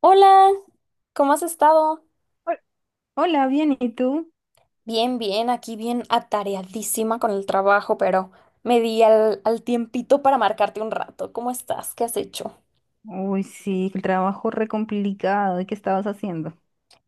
Hola, ¿cómo has estado? Hol- Hola, bien, ¿y tú? Bien, bien, aquí bien atareadísima con el trabajo, pero me di al tiempito para marcarte un rato. ¿Cómo estás? ¿Qué has hecho? Uy, sí, el trabajo re complicado. ¿Y qué estabas haciendo?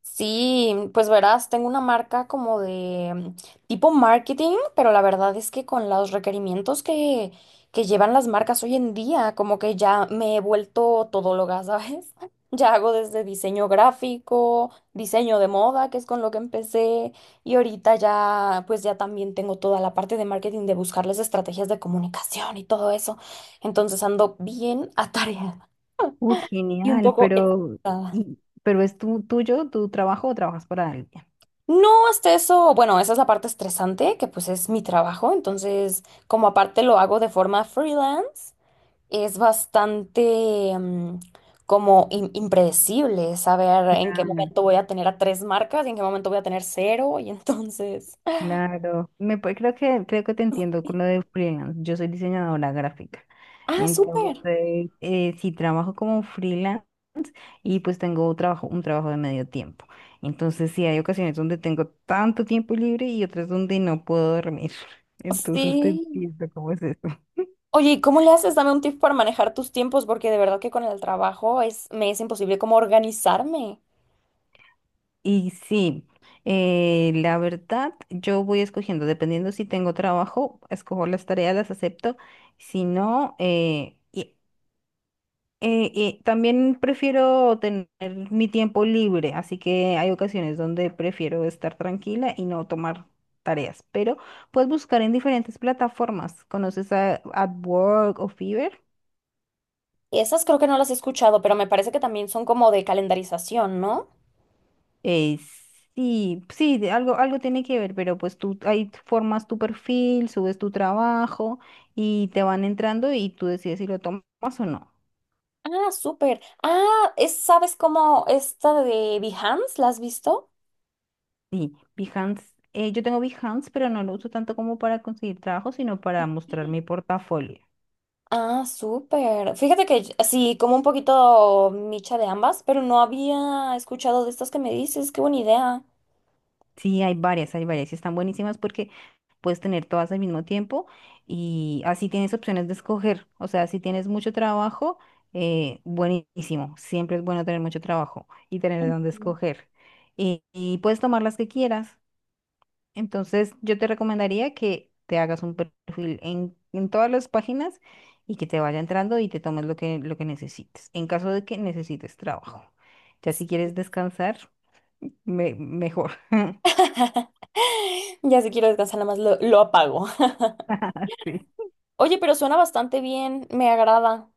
Sí, pues verás, tengo una marca como de tipo marketing, pero la verdad es que con los requerimientos que llevan las marcas hoy en día, como que ya me he vuelto todóloga, ¿sabes? Ya hago desde diseño gráfico, diseño de moda, que es con lo que empecé, y ahorita ya, pues ya también tengo toda la parte de marketing de buscarles estrategias de comunicación y todo eso. Entonces ando bien atareada Uy, y un genial, poco pero, estresada. y, pero ¿es tu trabajo o trabajas para alguien? No, hasta eso, bueno, esa es la parte estresante, que pues es mi trabajo, entonces como aparte lo hago de forma freelance, es bastante como impredecible saber en qué Claro. momento voy a tener a tres marcas y en qué momento voy a tener cero, y entonces... Claro, creo que te entiendo con lo de freelance. Yo soy diseñadora gráfica. Ah, súper. Entonces, sí trabajo como freelance y pues tengo un trabajo de medio tiempo. Entonces, sí hay ocasiones donde tengo tanto tiempo libre y otras donde no puedo dormir. Entonces, te Sí. entiendo cómo es eso. Oye, ¿y cómo le haces? Dame un tip para manejar tus tiempos, porque de verdad que con el trabajo es, me es imposible como organizarme. Y sí, la verdad, yo voy escogiendo, dependiendo si tengo trabajo, escojo las tareas, las acepto. Si no, eh, y también prefiero tener mi tiempo libre, así que hay ocasiones donde prefiero estar tranquila y no tomar tareas, pero puedes buscar en diferentes plataformas. ¿Conoces a Upwork o Fiverr? Esas creo que no las he escuchado, pero me parece que también son como de calendarización, ¿no? Eh, sí, sí, de algo, algo tiene que ver, pero pues tú ahí formas tu perfil, subes tu trabajo y te van entrando y tú decides si lo tomas o no. Ah, súper. Ah, es, ¿sabes cómo esta de Behance? ¿La has visto? Y Behance, yo tengo Behance, pero no lo uso tanto como para conseguir trabajo, sino para mostrar mi portafolio. Ah, súper. Fíjate que sí, como un poquito micha de ambas, pero no había escuchado de estas que me dices. Qué buena idea. Sí, hay varias y están buenísimas porque puedes tener todas al mismo tiempo y así tienes opciones de escoger. O sea, si tienes mucho trabajo, buenísimo. Siempre es bueno tener mucho trabajo y tener de dónde Mm. escoger. Y puedes tomar las que quieras. Entonces, yo te recomendaría que te hagas un perfil en todas las páginas y que te vaya entrando y te tomes lo que necesites, en caso de que necesites trabajo. Ya si quieres descansar, mejor. Ya si quiero descansar, nada más lo apago. Sí. Oye, pero suena bastante bien, me agrada.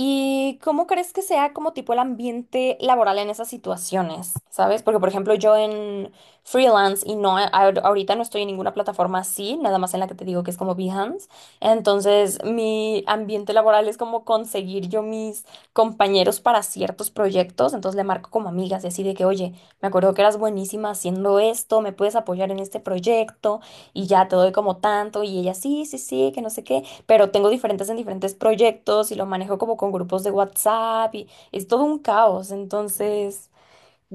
¿Y cómo crees que sea como tipo el ambiente laboral en esas situaciones? ¿Sabes? Porque, por ejemplo, yo en freelance y no, ahorita no estoy en ninguna plataforma así, nada más en la que te digo que es como Behance. Entonces, mi ambiente laboral es como conseguir yo mis compañeros para ciertos proyectos. Entonces, le marco como amigas y así de que, oye, me acuerdo que eras buenísima haciendo esto, me puedes apoyar en este proyecto y ya te doy como tanto. Y ella, sí, sí, sí, que no sé qué, pero tengo diferentes en diferentes proyectos y lo manejo como con grupos de WhatsApp y es todo un caos. Entonces,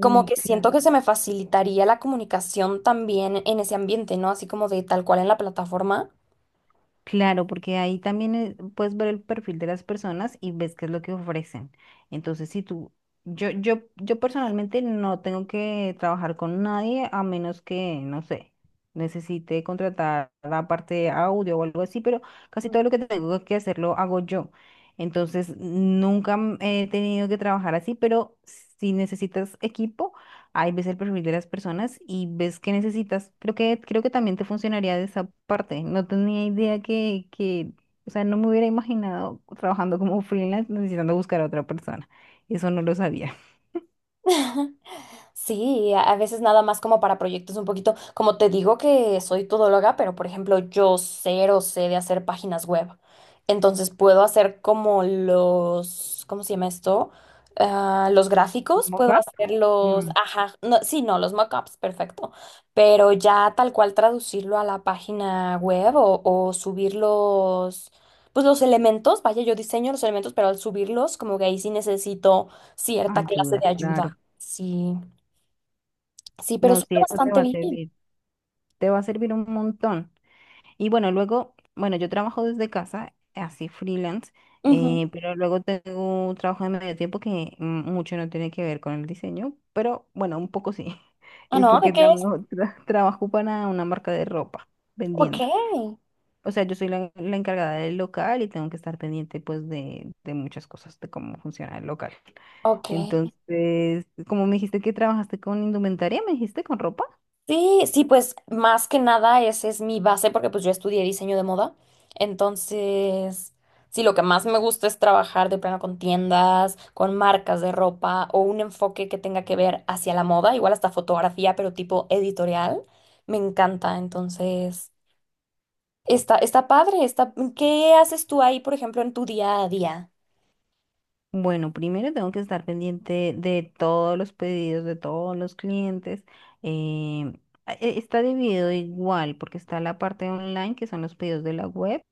como que claro. siento que se me facilitaría la comunicación también en ese ambiente, ¿no? Así como de tal cual en la plataforma. Claro, porque ahí también puedes ver el perfil de las personas y ves qué es lo que ofrecen. Entonces, si tú, yo personalmente no tengo que trabajar con nadie a menos que, no sé, necesite contratar la parte de audio o algo así, pero casi todo lo que tengo que hacer lo hago yo. Entonces, nunca he tenido que trabajar así, pero si necesitas equipo, ahí ves el perfil de las personas y ves qué necesitas. Creo que también te funcionaría de esa parte. No tenía idea o sea, no me hubiera imaginado trabajando como freelance necesitando buscar a otra persona. Eso no lo sabía. Sí, a veces nada más como para proyectos un poquito, como te digo que soy todóloga, pero por ejemplo yo cero sé de hacer páginas web. Entonces puedo hacer como los, ¿cómo se llama esto? Ah, los gráficos, puedo Mockup, hacer los, mm, ajá, no, sí, no, los mockups, perfecto. Pero ya tal cual traducirlo a la página web o subir los, pues los elementos, vaya, yo diseño los elementos, pero al subirlos como que ahí sí necesito cierta clase ayuda, de claro. ayuda. Sí. Sí, pero No, suena sí, eso te bastante va a bien. servir. Te va a servir un montón. Y bueno, luego, bueno, yo trabajo desde casa, así freelance, Ujú. Pero luego tengo un trabajo de medio tiempo que mucho no tiene que ver con el diseño, pero bueno, un poco sí. Ah, Y no, ¿de porque qué es? Trabajo para una marca de ropa Ok, vendiendo. O sea, yo soy la encargada del local y tengo que estar pendiente pues de muchas cosas, de cómo funciona el local. ok. Entonces, como me dijiste que trabajaste con indumentaria, me dijiste con ropa. Sí, sí, pues más que nada esa es mi base porque pues yo estudié diseño de moda. Entonces, sí, lo que más me gusta es trabajar de plano con tiendas, con marcas de ropa o un enfoque que tenga que ver hacia la moda, igual hasta fotografía, pero tipo editorial. Me encanta, entonces, está, está padre, está... ¿Qué haces tú ahí, por ejemplo, en tu día a día? Bueno, primero tengo que estar pendiente de todos los pedidos de todos los clientes. em, está dividido igual porque está la parte online, que son los pedidos de la web,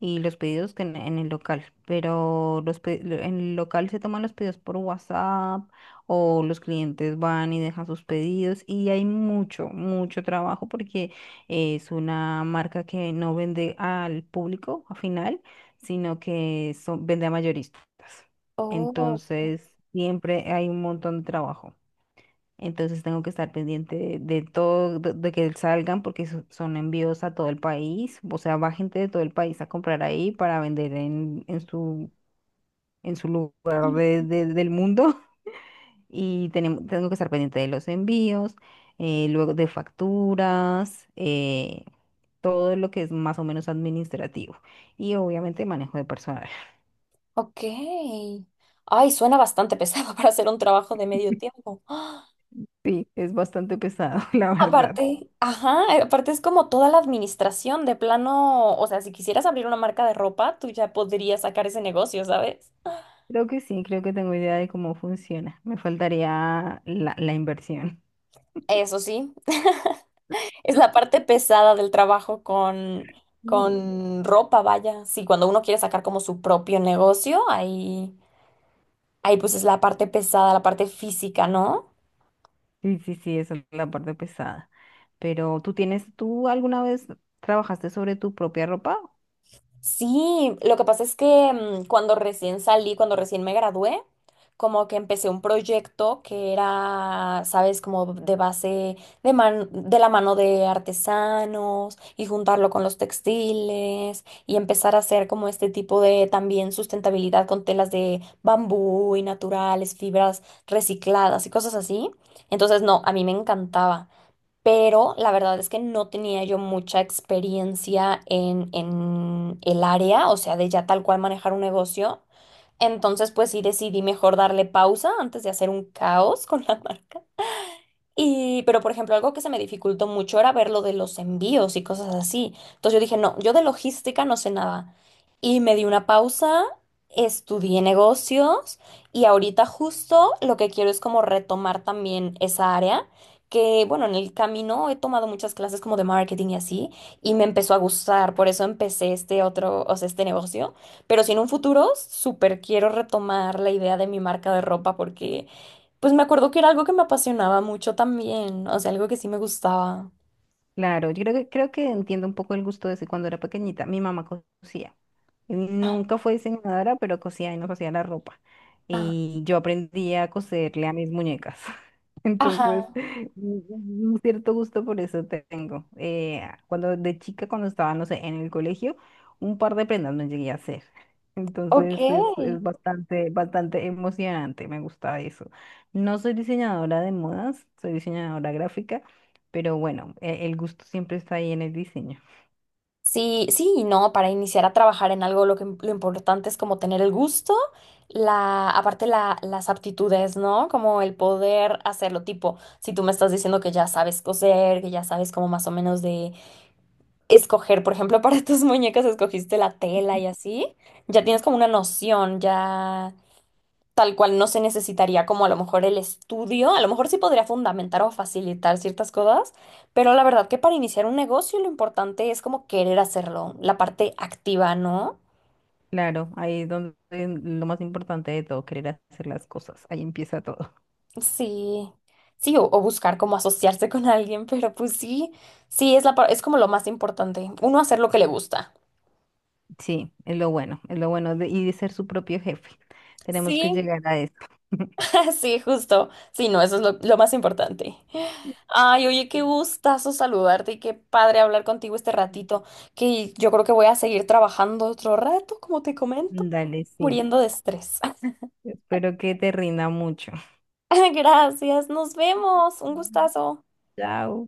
y los pedidos que en el local, pero en el local se toman los pedidos por WhatsApp o los clientes van y dejan sus pedidos y hay mucho, mucho trabajo porque es una marca que no vende al público al final, vende a mayoristas. Oh. Entonces, siempre hay un montón de trabajo. Entonces tengo que estar pendiente de todo, de que salgan porque son envíos a todo el país. O sea, va gente de todo el país a comprar ahí para vender en su lugar del mundo. Y tenemos, tengo que estar pendiente de los envíos, luego de facturas, todo lo que es más o menos administrativo. Y obviamente manejo de personal. Ok. Ay, suena bastante pesado para hacer un trabajo de medio tiempo. ¡Ah! Sí, es bastante pesado, la verdad. Aparte, ajá, aparte es como toda la administración de plano, o sea, si quisieras abrir una marca de ropa, tú ya podrías sacar ese negocio, ¿sabes? Creo que sí, creo que tengo idea de cómo funciona. Me faltaría la inversión. Eso sí, es la parte pesada del trabajo Mm. con ropa, vaya. Sí, cuando uno quiere sacar como su propio negocio, ahí, ahí pues es la parte pesada, la parte física, ¿no? Sí, sí, sí, esa es la parte pesada. Pero tú tienes, ¿tú alguna vez trabajaste sobre tu propia ropa? Sí, lo que pasa es que cuando recién salí, cuando recién me gradué, como que empecé un proyecto que era, sabes, como de base de de la mano de artesanos y juntarlo con los textiles y empezar a hacer como este tipo de también sustentabilidad con telas de bambú y naturales, fibras recicladas y cosas así. Entonces, no, a mí me encantaba, pero la verdad es que no tenía yo mucha experiencia en el área, o sea, de ya tal cual manejar un negocio. Entonces, pues sí decidí mejor darle pausa antes de hacer un caos con la y, pero por ejemplo, algo que se me dificultó mucho era ver lo de los envíos y cosas así. Entonces yo dije, no, yo de logística no sé nada. Y me di una pausa, estudié negocios y ahorita justo lo que quiero es como retomar también esa área, que bueno, en el camino he tomado muchas clases como de marketing y así, y me empezó a gustar, por eso empecé este otro, o sea, este negocio. Pero si en un futuro, súper quiero retomar la idea de mi marca de ropa porque... Pues me acuerdo que era algo que me apasionaba mucho también, o sea, algo que sí me gustaba. Claro, yo creo que entiendo un poco el gusto de ese cuando era pequeñita. Mi mamá cosía. Nunca fue diseñadora, pero cosía y no cosía la ropa. Ah, Y yo aprendí a coserle a mis muñecas. ajá, Entonces, un un cierto gusto por eso tengo. Cuando de chica, cuando estaba, no sé, en el colegio, un par de prendas me llegué a hacer. Entonces ok. es bastante, bastante emocionante, me gusta eso. No soy diseñadora de modas, soy diseñadora gráfica, pero bueno, el gusto siempre está ahí en el diseño. Sí, sí, y no, para iniciar a trabajar en algo lo que lo importante es como tener el gusto, la, aparte la, las aptitudes, ¿no? Como el poder hacerlo, tipo, si tú me estás diciendo que ya sabes coser, que ya sabes como más o menos de escoger, por ejemplo, para tus muñecas escogiste la tela y así, ya tienes como una noción, ya tal cual no se necesitaría como a lo mejor el estudio, a lo mejor sí podría fundamentar o facilitar ciertas cosas, pero la verdad que para iniciar un negocio lo importante es como querer hacerlo, la parte activa, ¿no? Claro, ahí es donde lo más importante de todo, querer hacer las cosas, ahí empieza todo. Sí, sí, o buscar como asociarse con alguien, pero pues sí, sí, es la, es como lo más importante, uno hacer lo que le gusta. Sí, es lo bueno de, y de ser su propio jefe. Tenemos que Sí, llegar a eso. sí, justo. Sí, no, eso es lo más importante. Ay, oye, qué gustazo saludarte y qué padre hablar contigo este ratito, que yo creo que voy a seguir trabajando otro rato, como te comento, Dale, sí. muriendo de estrés. Espero que te rinda mucho. Gracias, nos vemos. Un gustazo. Chao.